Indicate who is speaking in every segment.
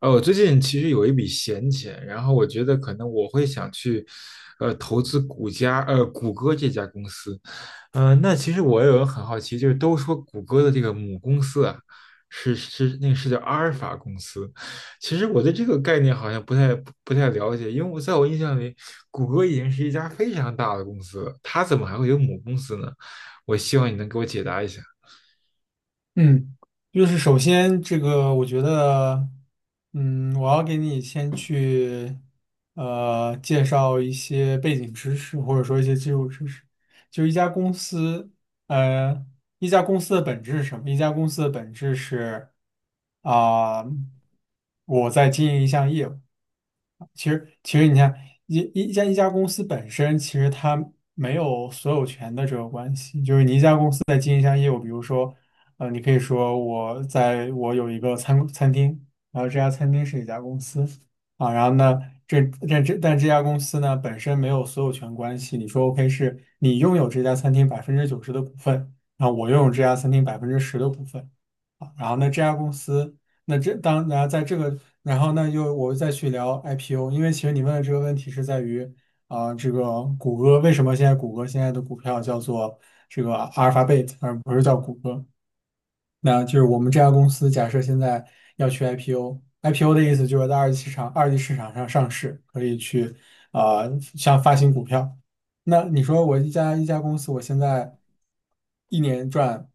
Speaker 1: 我最近其实有一笔闲钱，然后我觉得可能我会想去，投资谷歌这家公司。那其实我也有很好奇，就是都说谷歌的这个母公司啊，是那个是叫阿尔法公司。其实我对这个概念好像不太了解，因为我印象里，谷歌已经是一家非常大的公司了，它怎么还会有母公司呢？我希望你能给我解答一下。
Speaker 2: 嗯，就是首先这个，我觉得，我要给你先去，介绍一些背景知识，或者说一些基础知识。就一家公司，呃，一家公司的本质是什么？一家公司的本质是，啊、我在经营一项业务。其实你看，一家公司本身，其实它没有所有权的这个关系，就是你一家公司在经营一项业务，比如说，你可以说我有一个餐厅，然后这家餐厅是一家公司啊，然后呢，这这这但这家公司呢本身没有所有权关系，你说 OK 是你拥有这家餐厅百分之九十的股份，然后我拥有这家餐厅百分之十的股份。啊然后呢，这家公司，那这当然在这个，然后呢又我再去聊 IPO，因为其实你问的这个问题是在于这个谷歌为什么现在谷歌现在的股票叫做这个阿尔法贝特，而不是叫谷歌？那就是我们这家公司假设现在要去 IPO，IPO 的意思就是在二级市场上上市，可以去啊、像发行股票。那你说我一家一家公司，我现在一年赚。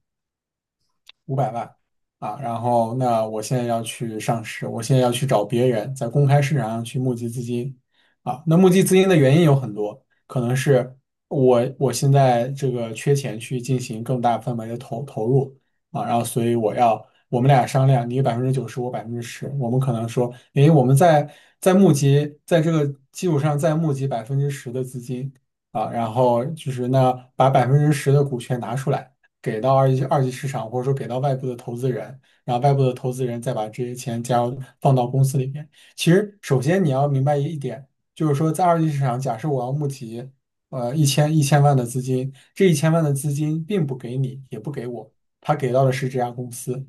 Speaker 2: 五百万啊，然后那我现在要去上市，我现在要去找别人在公开市场上去募集资金啊。那募集资金的原因有很多，可能是我现在这个缺钱去进行更大范围的投入啊，然后所以我要我们俩商量，你百分之九十，我百分之十，我们可能说，诶，我们在在募集在这个基础上再募集百分之十的资金啊，然后就是那把百分之十的股权拿出来。给到二级市场，或者说给到外部的投资人，然后外部的投资人再把这些钱加入放到公司里面。其实，首先你要明白一点，就是说在二级市场，假设我要募集一千万的资金，这一千万的资金并不给你，也不给我，他给到的是这家公司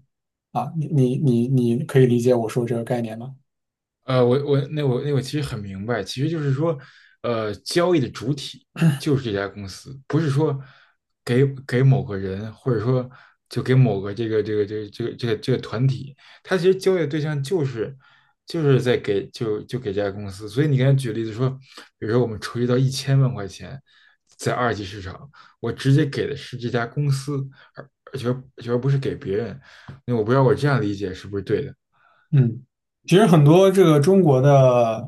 Speaker 2: 啊。你可以理解我说这个概念吗？
Speaker 1: 我其实很明白，其实就是说，交易的主体就是这家公司，不是说给某个人，或者说就给某个这个团体，他其实交易的对象就是就是在给就就给这家公司。所以你刚才举例子说，比如说我们筹集到1000万块钱，在二级市场，我直接给的是这家公司，而而且而不是给别人。那我不知道我这样理解是不是对的？
Speaker 2: 嗯，其实很多这个中国的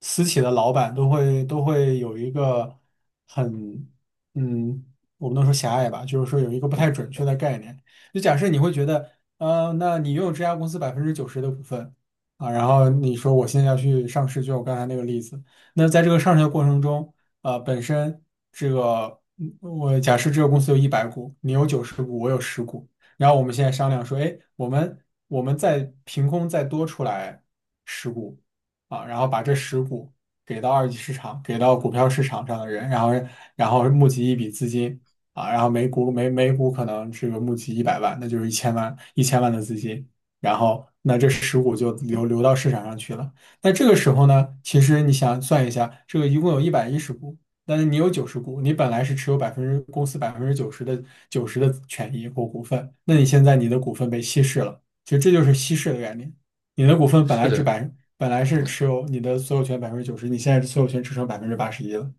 Speaker 2: 私企的老板都会有一个很嗯，我不能说狭隘吧，就是说有一个不太准确的概念。就假设你会觉得，那你拥有这家公司百分之九十的股份啊，然后你说我现在要去上市，就我刚才那个例子，那在这个上市的过程中，啊，本身这个我假设这个公司有一百股，你有九十股，我有十股。然后我们现在商量说，哎，我们再凭空再多出来十股啊，然后把这十股给到二级市场，给到股票市场上的人，然后然后募集一笔资金啊，然后每股可能这个募集一百万，那就是一千万的资金，然后那这十股就流到市场上去了。那这个时候呢，其实你想算一下，这个一共有一百一十股。但是你有九十股，你本来是持有百分之公司百分之九十的九十的权益或股份，那你现在你的股份被稀释了，其实这就是稀释的概念。你的股份本
Speaker 1: 是
Speaker 2: 来只
Speaker 1: 的，
Speaker 2: 百本来是持有你的所有权百分之九十，你现在所有权只剩百分之八十一了。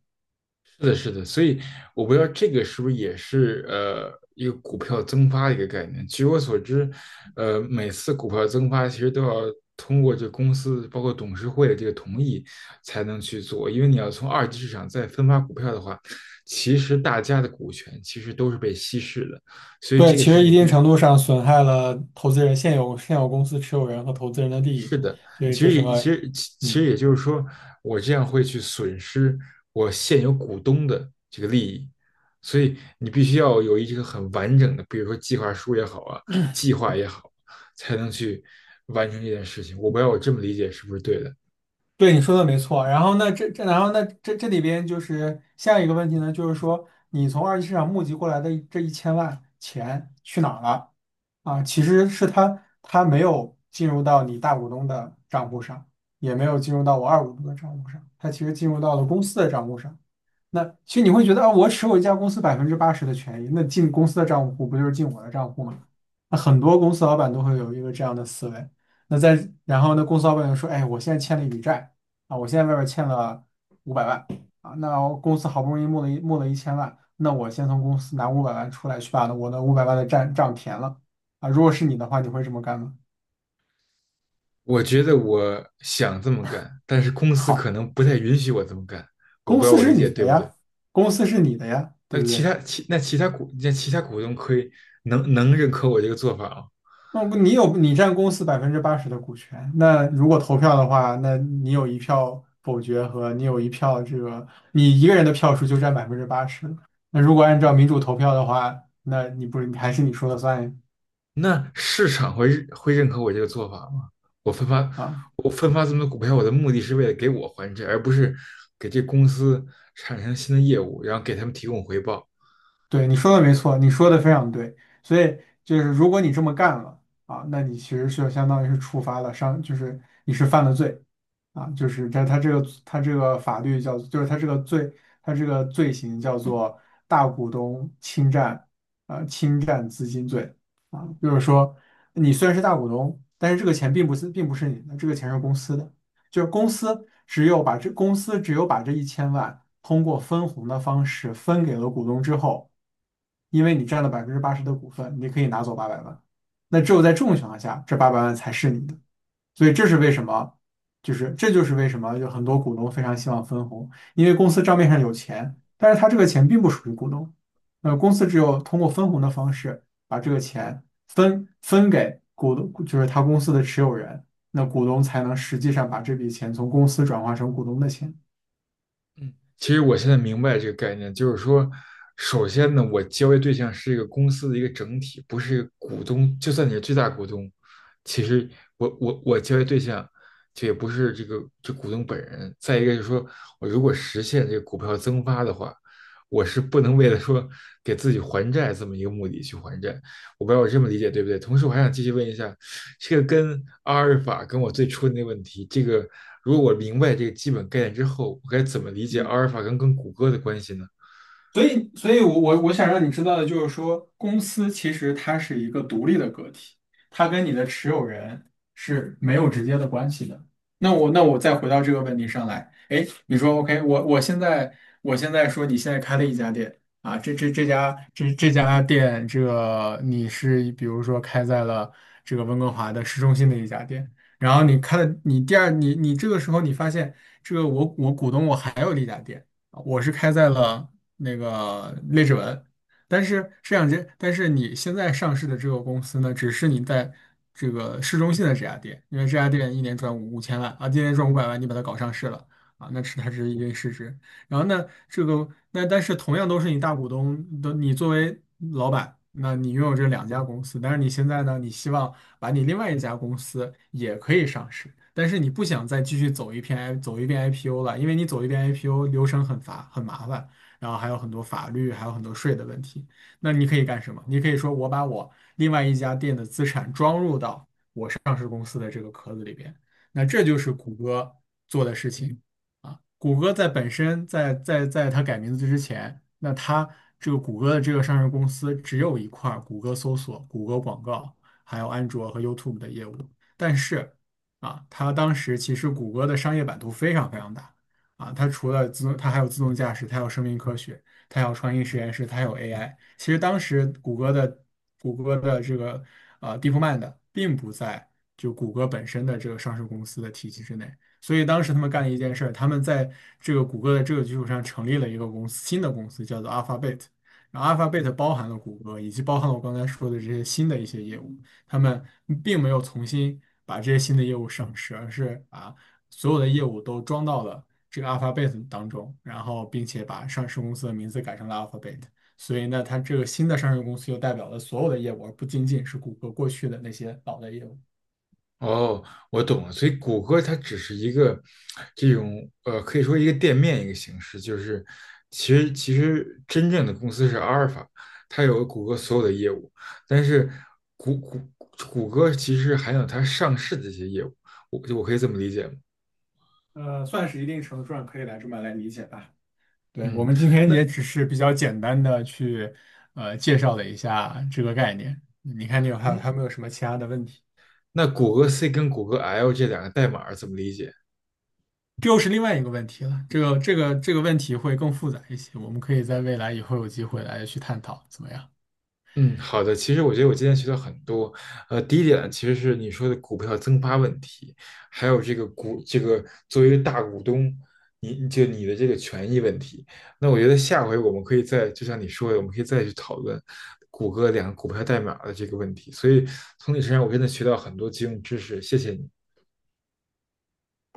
Speaker 1: 是的，是的，所以我不知道这个是不是也是一个股票增发的一个概念。据我所知，每次股票增发其实都要通过这公司包括董事会的这个同意才能去做，因为你要从二级市场再分发股票的话，其实大家的股权其实都是被稀释的，所以
Speaker 2: 对，
Speaker 1: 这个
Speaker 2: 其
Speaker 1: 事
Speaker 2: 实一
Speaker 1: 情
Speaker 2: 定
Speaker 1: 必
Speaker 2: 程度上损害了投资人现有公司持有人和投资人的利
Speaker 1: 是
Speaker 2: 益，
Speaker 1: 的，
Speaker 2: 所以
Speaker 1: 其
Speaker 2: 这
Speaker 1: 实也
Speaker 2: 是
Speaker 1: 其
Speaker 2: 个
Speaker 1: 实其其实
Speaker 2: 嗯。
Speaker 1: 也就是说，我这样会去损失我现有股东的这个利益，所以你必须要有一个很完整的，比如说计划书也好啊，计划也好，才能去完成这件事情。我不知道我这么理解是不是对的？
Speaker 2: 对，你说的没错。然后那这里边就是下一个问题呢，就是说你从二级市场募集过来的这一千万钱去哪儿了啊？其实是它没有进入到你大股东的账户上，也没有进入到我二股东的账户上，它其实进入到了公司的账户上。那其实你会觉得啊，我持有一家公司百分之八十的权益，那进公司的账户不就是进我的账户吗？那很多公司老板都会有一个这样的思维。然后呢，公司老板就说：“哎，我现在欠了一笔债啊，我现在外边欠了五百万啊，那我公司好不容易募了一千万，那我先从公司拿五百万出来，去把我的五百万的债账填了啊。如果是你的话，你会这么干吗？”
Speaker 1: 我觉得我想这么干，但是公司可
Speaker 2: 好，
Speaker 1: 能不太允许我这么干。我
Speaker 2: 公
Speaker 1: 不知道
Speaker 2: 司
Speaker 1: 我理
Speaker 2: 是
Speaker 1: 解
Speaker 2: 你
Speaker 1: 对
Speaker 2: 的
Speaker 1: 不对？
Speaker 2: 呀，公司是你的呀，对
Speaker 1: 那
Speaker 2: 不
Speaker 1: 其
Speaker 2: 对？
Speaker 1: 他其那其他股那其他股东可以能能认可我这个做法吗？
Speaker 2: 那不你有你占公司百分之八十的股权，那如果投票的话，那你有一票否决和你有一票这个，你一个人的票数就占百分之八十。那如果按照民主投票的话，那你不是还是你说了算
Speaker 1: 那市场会认可我这个做法吗？我分发
Speaker 2: 啊？
Speaker 1: 我分发这么多股票，我的目的是为了给我还债，而不是给这公司产生新的业务，然后给他们提供回报。
Speaker 2: 对，你说的没错，你说的非常对。所以就是如果你这么干了啊，那你其实是相当于是触发了伤，就是你是犯了罪啊，就是在他这个法律叫，就是他这个罪，他这个罪行叫做大股东侵占啊侵占资金罪啊，就是说你虽然是大股东，但是这个钱并不是你的，这个钱是公司的，就是公司只有把这一千万通过分红的方式分给了股东之后。因为你占了百分之八十的股份，你可以拿走八百万。那只有在这种情况下，这八百万才是你的。所以这是为什么，这就是为什么有很多股东非常希望分红，因为公司账面上有钱，但是他这个钱并不属于股东。那公司只有通过分红的方式把这个钱分给股东，就是他公司的持有人，那股东才能实际上把这笔钱从公司转化成股东的钱。
Speaker 1: 其实我现在明白这个概念，就是说，首先呢，我交易对象是一个公司的一个整体，不是一个股东。就算你是最大股东，其实我交易对象，就也不是这股东本人。再一个就是说，我如果实现这个股票增发的话，我是不能为了说给自己还债这么一个目的去还债，我不知道我这么理解对不对？同时，我还想继续问一下，这个跟阿尔法跟我最初的那个问题，这个如果我明白这个基本概念之后，我该怎么理解阿
Speaker 2: 嗯。
Speaker 1: 尔法跟谷歌的关系呢？
Speaker 2: 所以我我想让你知道的就是说，公司其实它是一个独立的个体，它跟你的持有人是没有直接的关系的。那我再回到这个问题上来，哎，你说 OK,我我现在我现在说你现在开了一家店啊，这家店，这个你是比如说开在了这个温哥华的市中心的一家店，然后你开了你第二这个时候你发现这个我股东我还有一家店。我是开在了那个列治文，但是这两间，但是你现在上市的这个公司呢，只是你在这个市中心的这家店，因为这家店一年赚五千万啊，今年赚五百万，你把它搞上市了啊，那是它是一定市值。然后呢，这个那但是同样都是你大股东的，你作为老板，那你拥有这两家公司，但是你现在呢，你希望把你另外一家公司也可以上市，但是你不想再继续走一遍 I 走一遍 IPO 了，因为你走一遍 IPO 流程很麻烦，然后还有很多法律，还有很多税的问题。那你可以干什么？你可以说我把我另外一家店的资产装入到上市公司的这个壳子里边，那这就是谷歌做的事情。谷歌本身在它改名字之前，那它这个谷歌的这个上市公司只有一块儿谷歌搜索、谷歌广告，还有安卓和 YouTube 的业务。但是啊，它当时其实谷歌的商业版图非常非常大啊，它除了自动，它还有自动驾驶，它还有生命科学，它还有创新实验室，它还有 AI。其实当时谷歌的这个DeepMind 并不在就谷歌本身的这个上市公司的体系之内。所以当时他们干了一件事儿，他们在这个谷歌的这个基础上成立了一个公司，新的公司叫做 Alphabet。然后 Alphabet 包含了谷歌，以及包含了我刚才说的这些新的一些业务。他们并没有重新把这些新的业务上市，而是把所有的业务都装到了这个 Alphabet 当中，然后并且把上市公司的名字改成了 Alphabet。所以呢，它这个新的上市公司又代表了所有的业务，而不仅仅是谷歌过去的那些老的业务。
Speaker 1: 哦，我懂了，所以谷歌它只是一个这种可以说一个店面一个形式，就是其实真正的公司是阿尔法，它有谷歌所有的业务，但是谷谷谷歌其实还有它上市的一些业务，我可以这么理解吗？
Speaker 2: 呃，算是一定程度上可以来这么来理解吧。对，我
Speaker 1: 嗯，
Speaker 2: 们今天
Speaker 1: 那
Speaker 2: 也只是比较简单的去介绍了一下这个概念。你看，你有
Speaker 1: 嗯。
Speaker 2: 还有没有什么其他的问题？
Speaker 1: 那谷歌 C 跟谷歌 L 这两个代码怎么理解？
Speaker 2: 这又是另外一个问题了。这个问题会更复杂一些，我们可以在未来以后有机会来去探讨，怎么样？
Speaker 1: 嗯，好的。其实我觉得我今天学到很多。第一点其实是你说的股票增发问题，还有这个股这个作为一个大股东，你的这个权益问题。那我觉得下回我们可以再，就像你说的，我们可以再去讨论谷歌两个股票代码的这个问题。所以从你身上我真的学到很多金融知识，谢谢你。